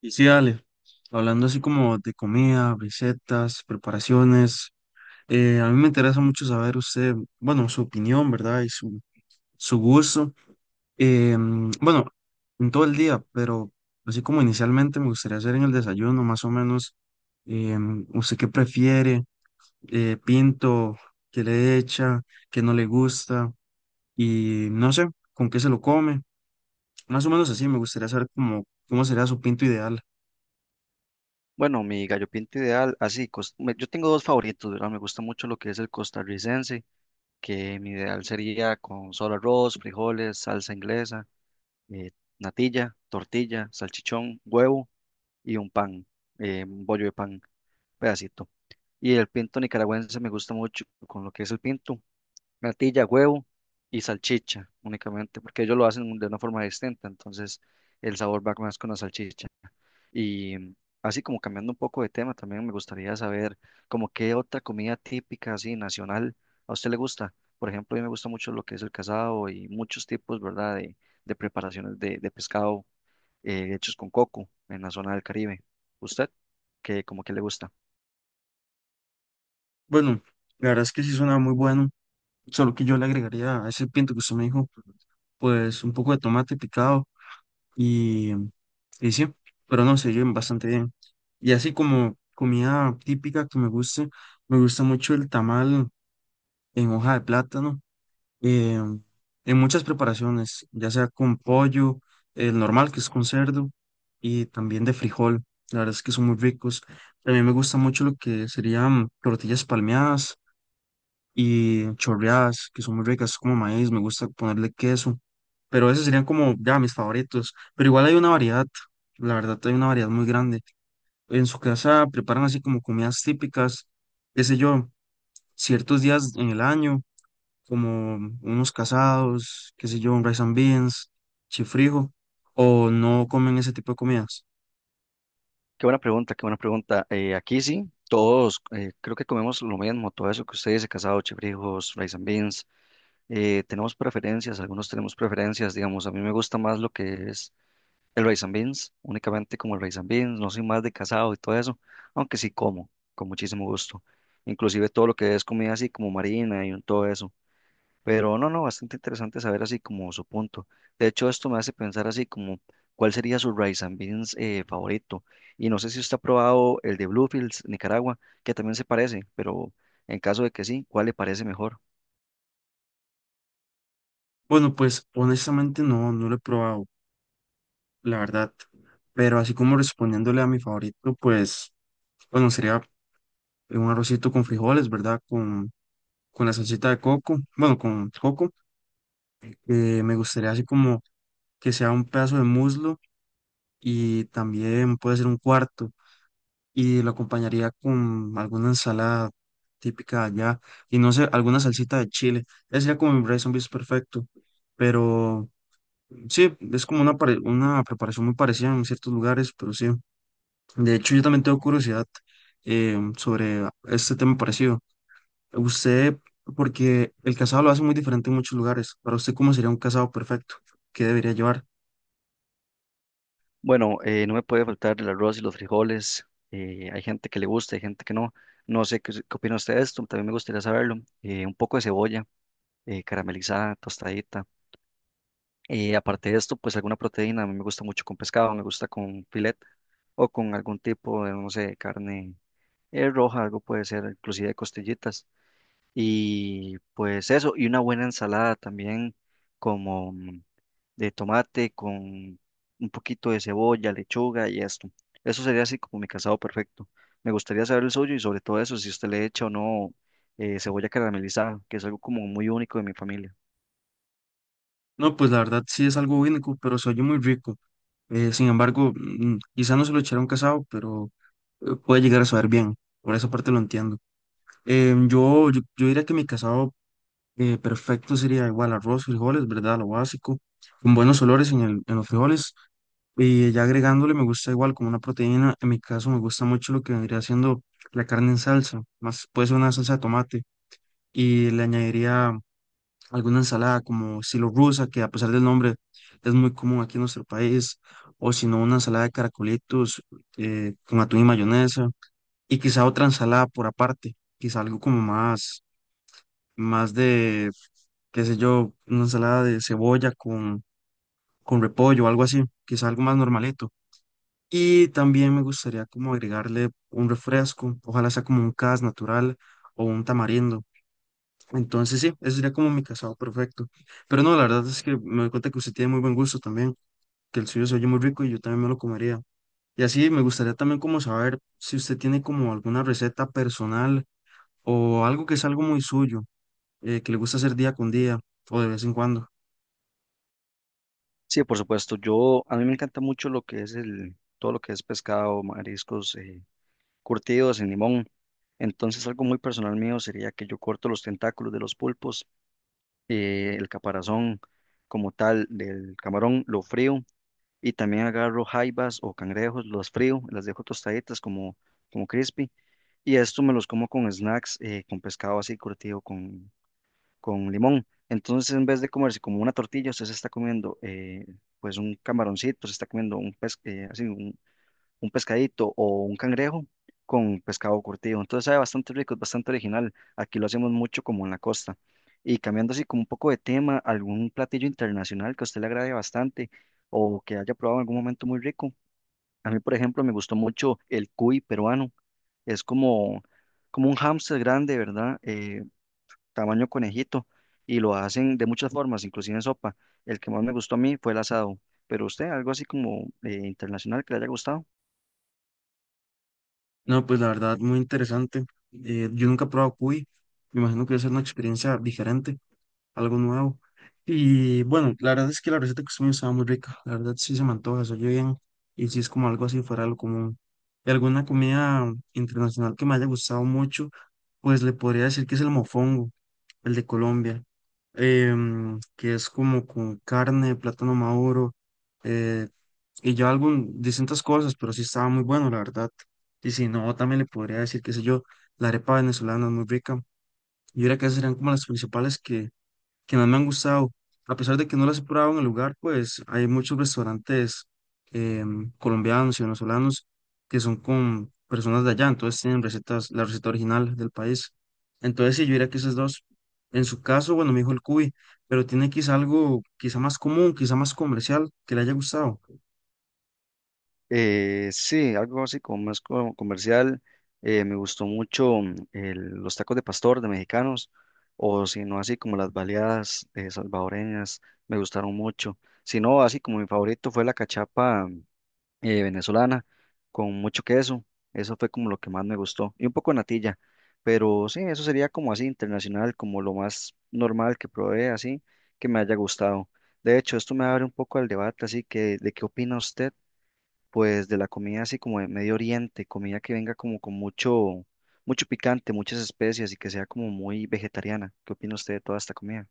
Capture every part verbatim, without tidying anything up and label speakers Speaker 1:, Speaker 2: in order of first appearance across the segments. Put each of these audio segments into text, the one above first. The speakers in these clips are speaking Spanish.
Speaker 1: Y sí, dale, hablando así como de comida, recetas, preparaciones, eh, a mí me interesa mucho saber usted, bueno, su opinión, ¿verdad? Y su, su gusto, eh, mm, bueno, en todo el día, pero así como inicialmente me gustaría hacer en el desayuno, más o menos, eh, mm, ¿usted qué prefiere? Eh, ¿pinto? ¿Qué le echa? ¿Qué no le gusta? Y no sé, ¿con qué se lo come? Más o menos así, me gustaría saber cómo, cómo sería su pinto ideal.
Speaker 2: Bueno, mi gallo pinto ideal, así, cos- me- yo tengo dos favoritos, ¿verdad? Me gusta mucho lo que es el costarricense, que mi ideal sería con solo arroz, frijoles, salsa inglesa, eh, natilla, tortilla, salchichón, huevo y un pan, eh, un bollo de pan, pedacito. Y el pinto nicaragüense me gusta mucho con lo que es el pinto natilla, huevo y salchicha únicamente, porque ellos lo hacen de una forma distinta, entonces el sabor va más con la salchicha. Y mm, Así como cambiando un poco de tema, también me gustaría saber como qué otra comida típica así nacional a usted le gusta. Por ejemplo, a mí me gusta mucho lo que es el casado y muchos tipos, ¿verdad? De, de preparaciones de, de pescado eh, hechos con coco en la zona del Caribe. ¿Usted qué como que le gusta?
Speaker 1: Bueno, la verdad es que sí suena muy bueno, solo que yo le agregaría a ese pinto que usted me dijo, pues un poco de tomate picado y, y sí, pero no, se llevan bastante bien. Y así como comida típica que me guste, me gusta mucho el tamal en hoja de plátano, eh, en muchas preparaciones, ya sea con pollo, el normal que es con cerdo, y también de frijol, la verdad es que son muy ricos. También me gusta mucho lo que serían tortillas palmeadas y chorreadas, que son muy ricas, como maíz, me gusta ponerle queso, pero esos serían como ya mis favoritos, pero igual hay una variedad, la verdad hay una variedad muy grande. En su casa preparan así como comidas típicas, qué sé yo, ciertos días en el año, como unos casados, qué sé yo, un rice and beans, chifrijo, o no comen ese tipo de comidas.
Speaker 2: Qué buena pregunta, qué buena pregunta. Eh, aquí sí, todos eh, creo que comemos lo mismo, todo eso que ustedes dice, casado, chifrijos, rice and beans. Eh, tenemos preferencias, algunos tenemos preferencias, digamos, a mí me gusta más lo que es el rice and beans, únicamente como el rice and beans, no soy más de casado y todo eso, aunque sí como, con muchísimo gusto. Inclusive todo lo que es comida así como marina y todo eso. Pero no, no, bastante interesante saber así como su punto. De hecho, esto me hace pensar así como cuál sería su rice and beans eh, favorito. Y no sé si usted ha probado el de Bluefields, Nicaragua, que también se parece, pero en caso de que sí, ¿cuál le parece mejor?
Speaker 1: Bueno, pues honestamente no, no lo he probado, la verdad, pero así como respondiéndole a mi favorito, pues... Bueno, sería un arrocito con frijoles, ¿verdad? Con, con la salsita de coco, bueno, con coco. Eh, me gustaría así como que sea un pedazo de muslo y también puede ser un cuarto y lo acompañaría con alguna ensalada típica de allá y no sé, alguna salsita de chile. Ese sería como mi rice and beans perfecto, pero sí, es como una, pare- una preparación muy parecida en ciertos lugares, pero sí. De hecho, yo también tengo curiosidad eh, sobre este tema parecido. Usted, porque el casado lo hace muy diferente en muchos lugares. Para usted, ¿cómo sería un casado perfecto? ¿Qué debería llevar?
Speaker 2: Bueno, eh, no me puede faltar el arroz y los frijoles. Eh, hay gente que le gusta, hay gente que no. No sé qué, qué opina usted de esto, también me gustaría saberlo. Eh, un poco de cebolla eh, caramelizada, tostadita. Y aparte de esto, pues alguna proteína, a mí me gusta mucho con pescado, me gusta con filet o con algún tipo de, no sé, carne eh, roja, algo puede ser, inclusive costillitas. Y pues eso, y una buena ensalada también como mm, de tomate con un poquito de cebolla, lechuga y esto. Eso sería así como mi casado perfecto. Me gustaría saber el suyo y sobre todo eso, si usted le echa o no eh, cebolla caramelizada, que es algo como muy único de mi familia.
Speaker 1: No, pues la verdad sí es algo único, pero se oye muy rico. Eh, sin embargo, mm, quizá no se lo echará un casado, pero eh, puede llegar a saber bien. Por esa parte lo entiendo. Em, yo, yo, yo diría que mi casado eh, perfecto sería igual arroz, frijoles, ¿verdad? Lo básico, con buenos olores en el, en los frijoles. Y ya agregándole, me gusta igual como una proteína. En mi caso, me gusta mucho lo que vendría siendo la carne en salsa, más puede ser una salsa de tomate. Y le añadiría alguna ensalada como estilo rusa, que a pesar del nombre es muy común aquí en nuestro país. O si no, una ensalada de caracolitos eh, con atún y mayonesa. Y quizá otra ensalada por aparte, quizá algo como más, más de, qué sé yo, una ensalada de cebolla con, con repollo, algo así, quizá algo más normalito. Y también me gustaría como agregarle un refresco, ojalá sea como un cas natural o un tamarindo. Entonces sí, ese sería como mi casado perfecto. Pero no, la verdad es que me doy cuenta que usted tiene muy buen gusto también, que el suyo se oye muy rico y yo también me lo comería. Y así me gustaría también como saber si usted tiene como alguna receta personal o algo que es algo muy suyo, eh, que le gusta hacer día con día o de vez en cuando.
Speaker 2: Sí, por supuesto. Yo, a mí me encanta mucho lo que es el, todo lo que es pescado, mariscos, eh, curtidos en limón. Entonces, algo muy personal mío sería que yo corto los tentáculos de los pulpos, eh, el caparazón como tal del camarón, lo frío y también agarro jaibas o cangrejos, los frío, las dejo tostaditas como, como crispy y esto me los como con snacks, eh, con pescado así curtido, con limón. Entonces, en vez de comerse como una tortilla, usted se está comiendo eh, pues un camaroncito, se está comiendo un, pes- eh, así, un, un pescadito o un cangrejo con pescado curtido. Entonces, sabe bastante rico, es bastante original. Aquí lo hacemos mucho como en la costa. Y cambiando así como un poco de tema, algún platillo internacional que a usted le agrade bastante o que haya probado en algún momento muy rico. A mí, por ejemplo, me gustó mucho el cuy peruano. Es como, como un hámster grande, ¿verdad? Eh, tamaño conejito, y lo hacen de muchas formas, inclusive en sopa. El que más me gustó a mí fue el asado, pero usted, algo así como eh, internacional que le haya gustado.
Speaker 1: No, pues la verdad, muy interesante. Eh, yo nunca he probado cuy, me imagino que debe ser una experiencia diferente. Algo nuevo. Y bueno, la verdad es que la receta que usted me dio estaba muy rica, la verdad sí se me antoja, se oye bien y sí es como algo así fuera de lo común. Y alguna comida internacional que me haya gustado mucho, pues le podría decir que es el mofongo, el de Colombia, em, que es como con carne, plátano maduro eh, y ya algún, distintas cosas, pero sí estaba muy bueno, la verdad. Y si no, también le podría decir, qué sé yo, la arepa venezolana es muy rica. Yo diría que esas serían como las principales que más me han gustado. A pesar de que no las he probado en el lugar, pues hay muchos restaurantes em, colombianos y venezolanos que son con personas de allá, entonces tienen recetas, la receta original del país. Entonces, sí, yo diría que esas dos. En su caso, bueno, me dijo el cuy, pero tiene quizá algo, quizá más común, quizá más comercial, que le haya gustado.
Speaker 2: Eh, sí, algo así como más co- comercial. Eh, me gustó mucho mm, el- los tacos de pastor de mexicanos, o si no, así como las baleadas eh, salvadoreñas, me gustaron mucho. Si no, así como mi favorito fue la cachapa eh, venezolana con mucho queso. Eso fue como lo que más me gustó. Y un poco de natilla. Pero sí, eso sería como así internacional, como lo más normal que probé, así que me haya gustado. De hecho, esto me abre un poco al debate, así que ¿de qué opina usted? Pues de la comida así como de Medio Oriente, comida que venga como con mucho, mucho picante, muchas especias y que sea como muy vegetariana. ¿Qué opina usted de toda esta comida?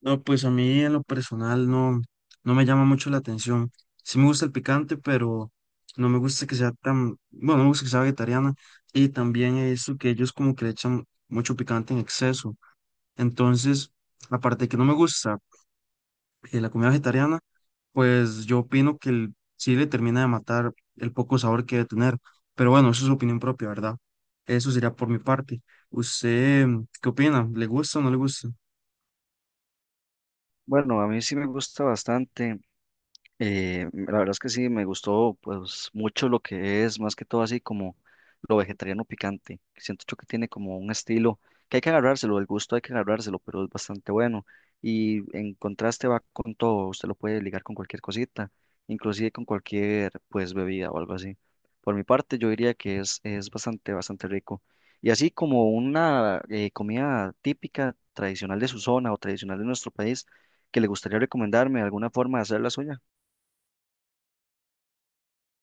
Speaker 1: No, pues a mí en lo personal no, no me llama mucho la atención. Sí me gusta el picante, pero no me gusta que sea tan, bueno, no me gusta que sea vegetariana. Y también he que ellos como que le echan mucho picante en exceso. Entonces, aparte de que no me gusta eh, la comida vegetariana, pues yo opino que el- sí le termina de matar el poco sabor que debe tener. Pero bueno, eso es su opinión propia, ¿verdad? Eso sería por mi parte. ¿Usted mm, qué opina? ¿Le gusta o no le gusta?
Speaker 2: Bueno, a mí sí me gusta bastante. Eh, la verdad es que sí, me gustó pues mucho lo que es, más que todo así como lo vegetariano picante. Siento yo que tiene como un estilo que hay que agarrárselo, el gusto hay que agarrárselo, pero es bastante bueno. Y en contraste va con todo, usted lo puede ligar con cualquier cosita, inclusive con cualquier pues bebida o algo así. Por mi parte yo diría que es, es bastante, bastante rico. Y así como una eh, comida típica, tradicional de su zona o tradicional de nuestro país, que le gustaría recomendarme alguna forma de hacer la suya.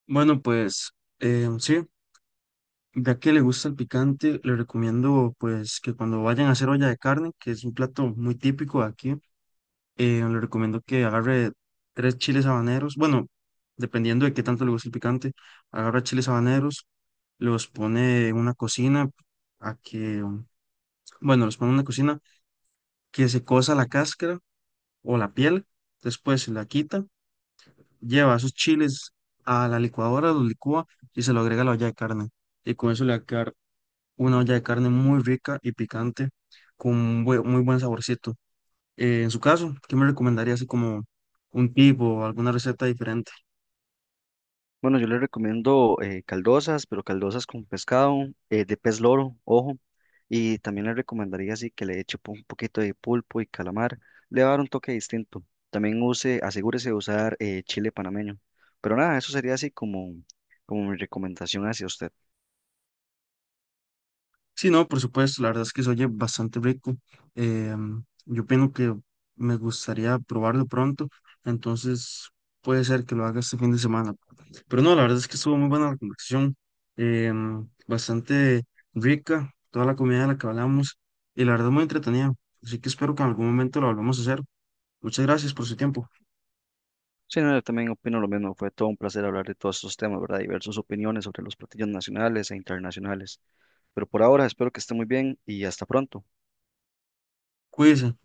Speaker 1: Bueno, pues eh, sí. Ya que le gusta el picante, le recomiendo pues que cuando vayan a hacer olla de carne, que es un plato muy típico de aquí, eh, le recomiendo que agarre tres chiles habaneros, bueno, dependiendo de qué tanto le guste el picante, agarra chiles habaneros, los pone en una cocina a que, um, bueno, los pone en una cocina que se cosa la cáscara o la piel, después se la quita, lleva esos chiles a la licuadora, los licúa y se lo agrega a la olla de carne. Y con eso le va a quedar una olla de carne muy rica y picante con un bue- muy buen saborcito. Eh, en su caso, ¿qué me recomendaría así como un tip o alguna receta diferente?
Speaker 2: Bueno, yo le recomiendo eh, caldosas, pero caldosas con pescado, eh, de pez loro, ojo. Y también le recomendaría así que le eche po- un poquito de pulpo y calamar. Le va a dar un toque distinto. También use, asegúrese de usar eh, chile panameño. Pero nada, eso sería así como, como mi recomendación hacia usted.
Speaker 1: Sí, no, por supuesto, la verdad es que se oye bastante rico. Eh, yo opino que me gustaría probarlo pronto, entonces puede ser que lo haga este fin de semana. Pero no, la verdad es que estuvo muy buena la conversación, eh, bastante rica, toda la comida de la que hablamos y la verdad muy entretenida. Así que espero que en algún momento lo volvamos a hacer. Muchas gracias por su tiempo.
Speaker 2: Sí, no, yo también opino lo mismo. Fue todo un placer hablar de todos estos temas, ¿verdad? Diversas opiniones sobre los platillos nacionales e internacionales. Pero por ahora espero que esté muy bien y hasta pronto.
Speaker 1: Cuídese.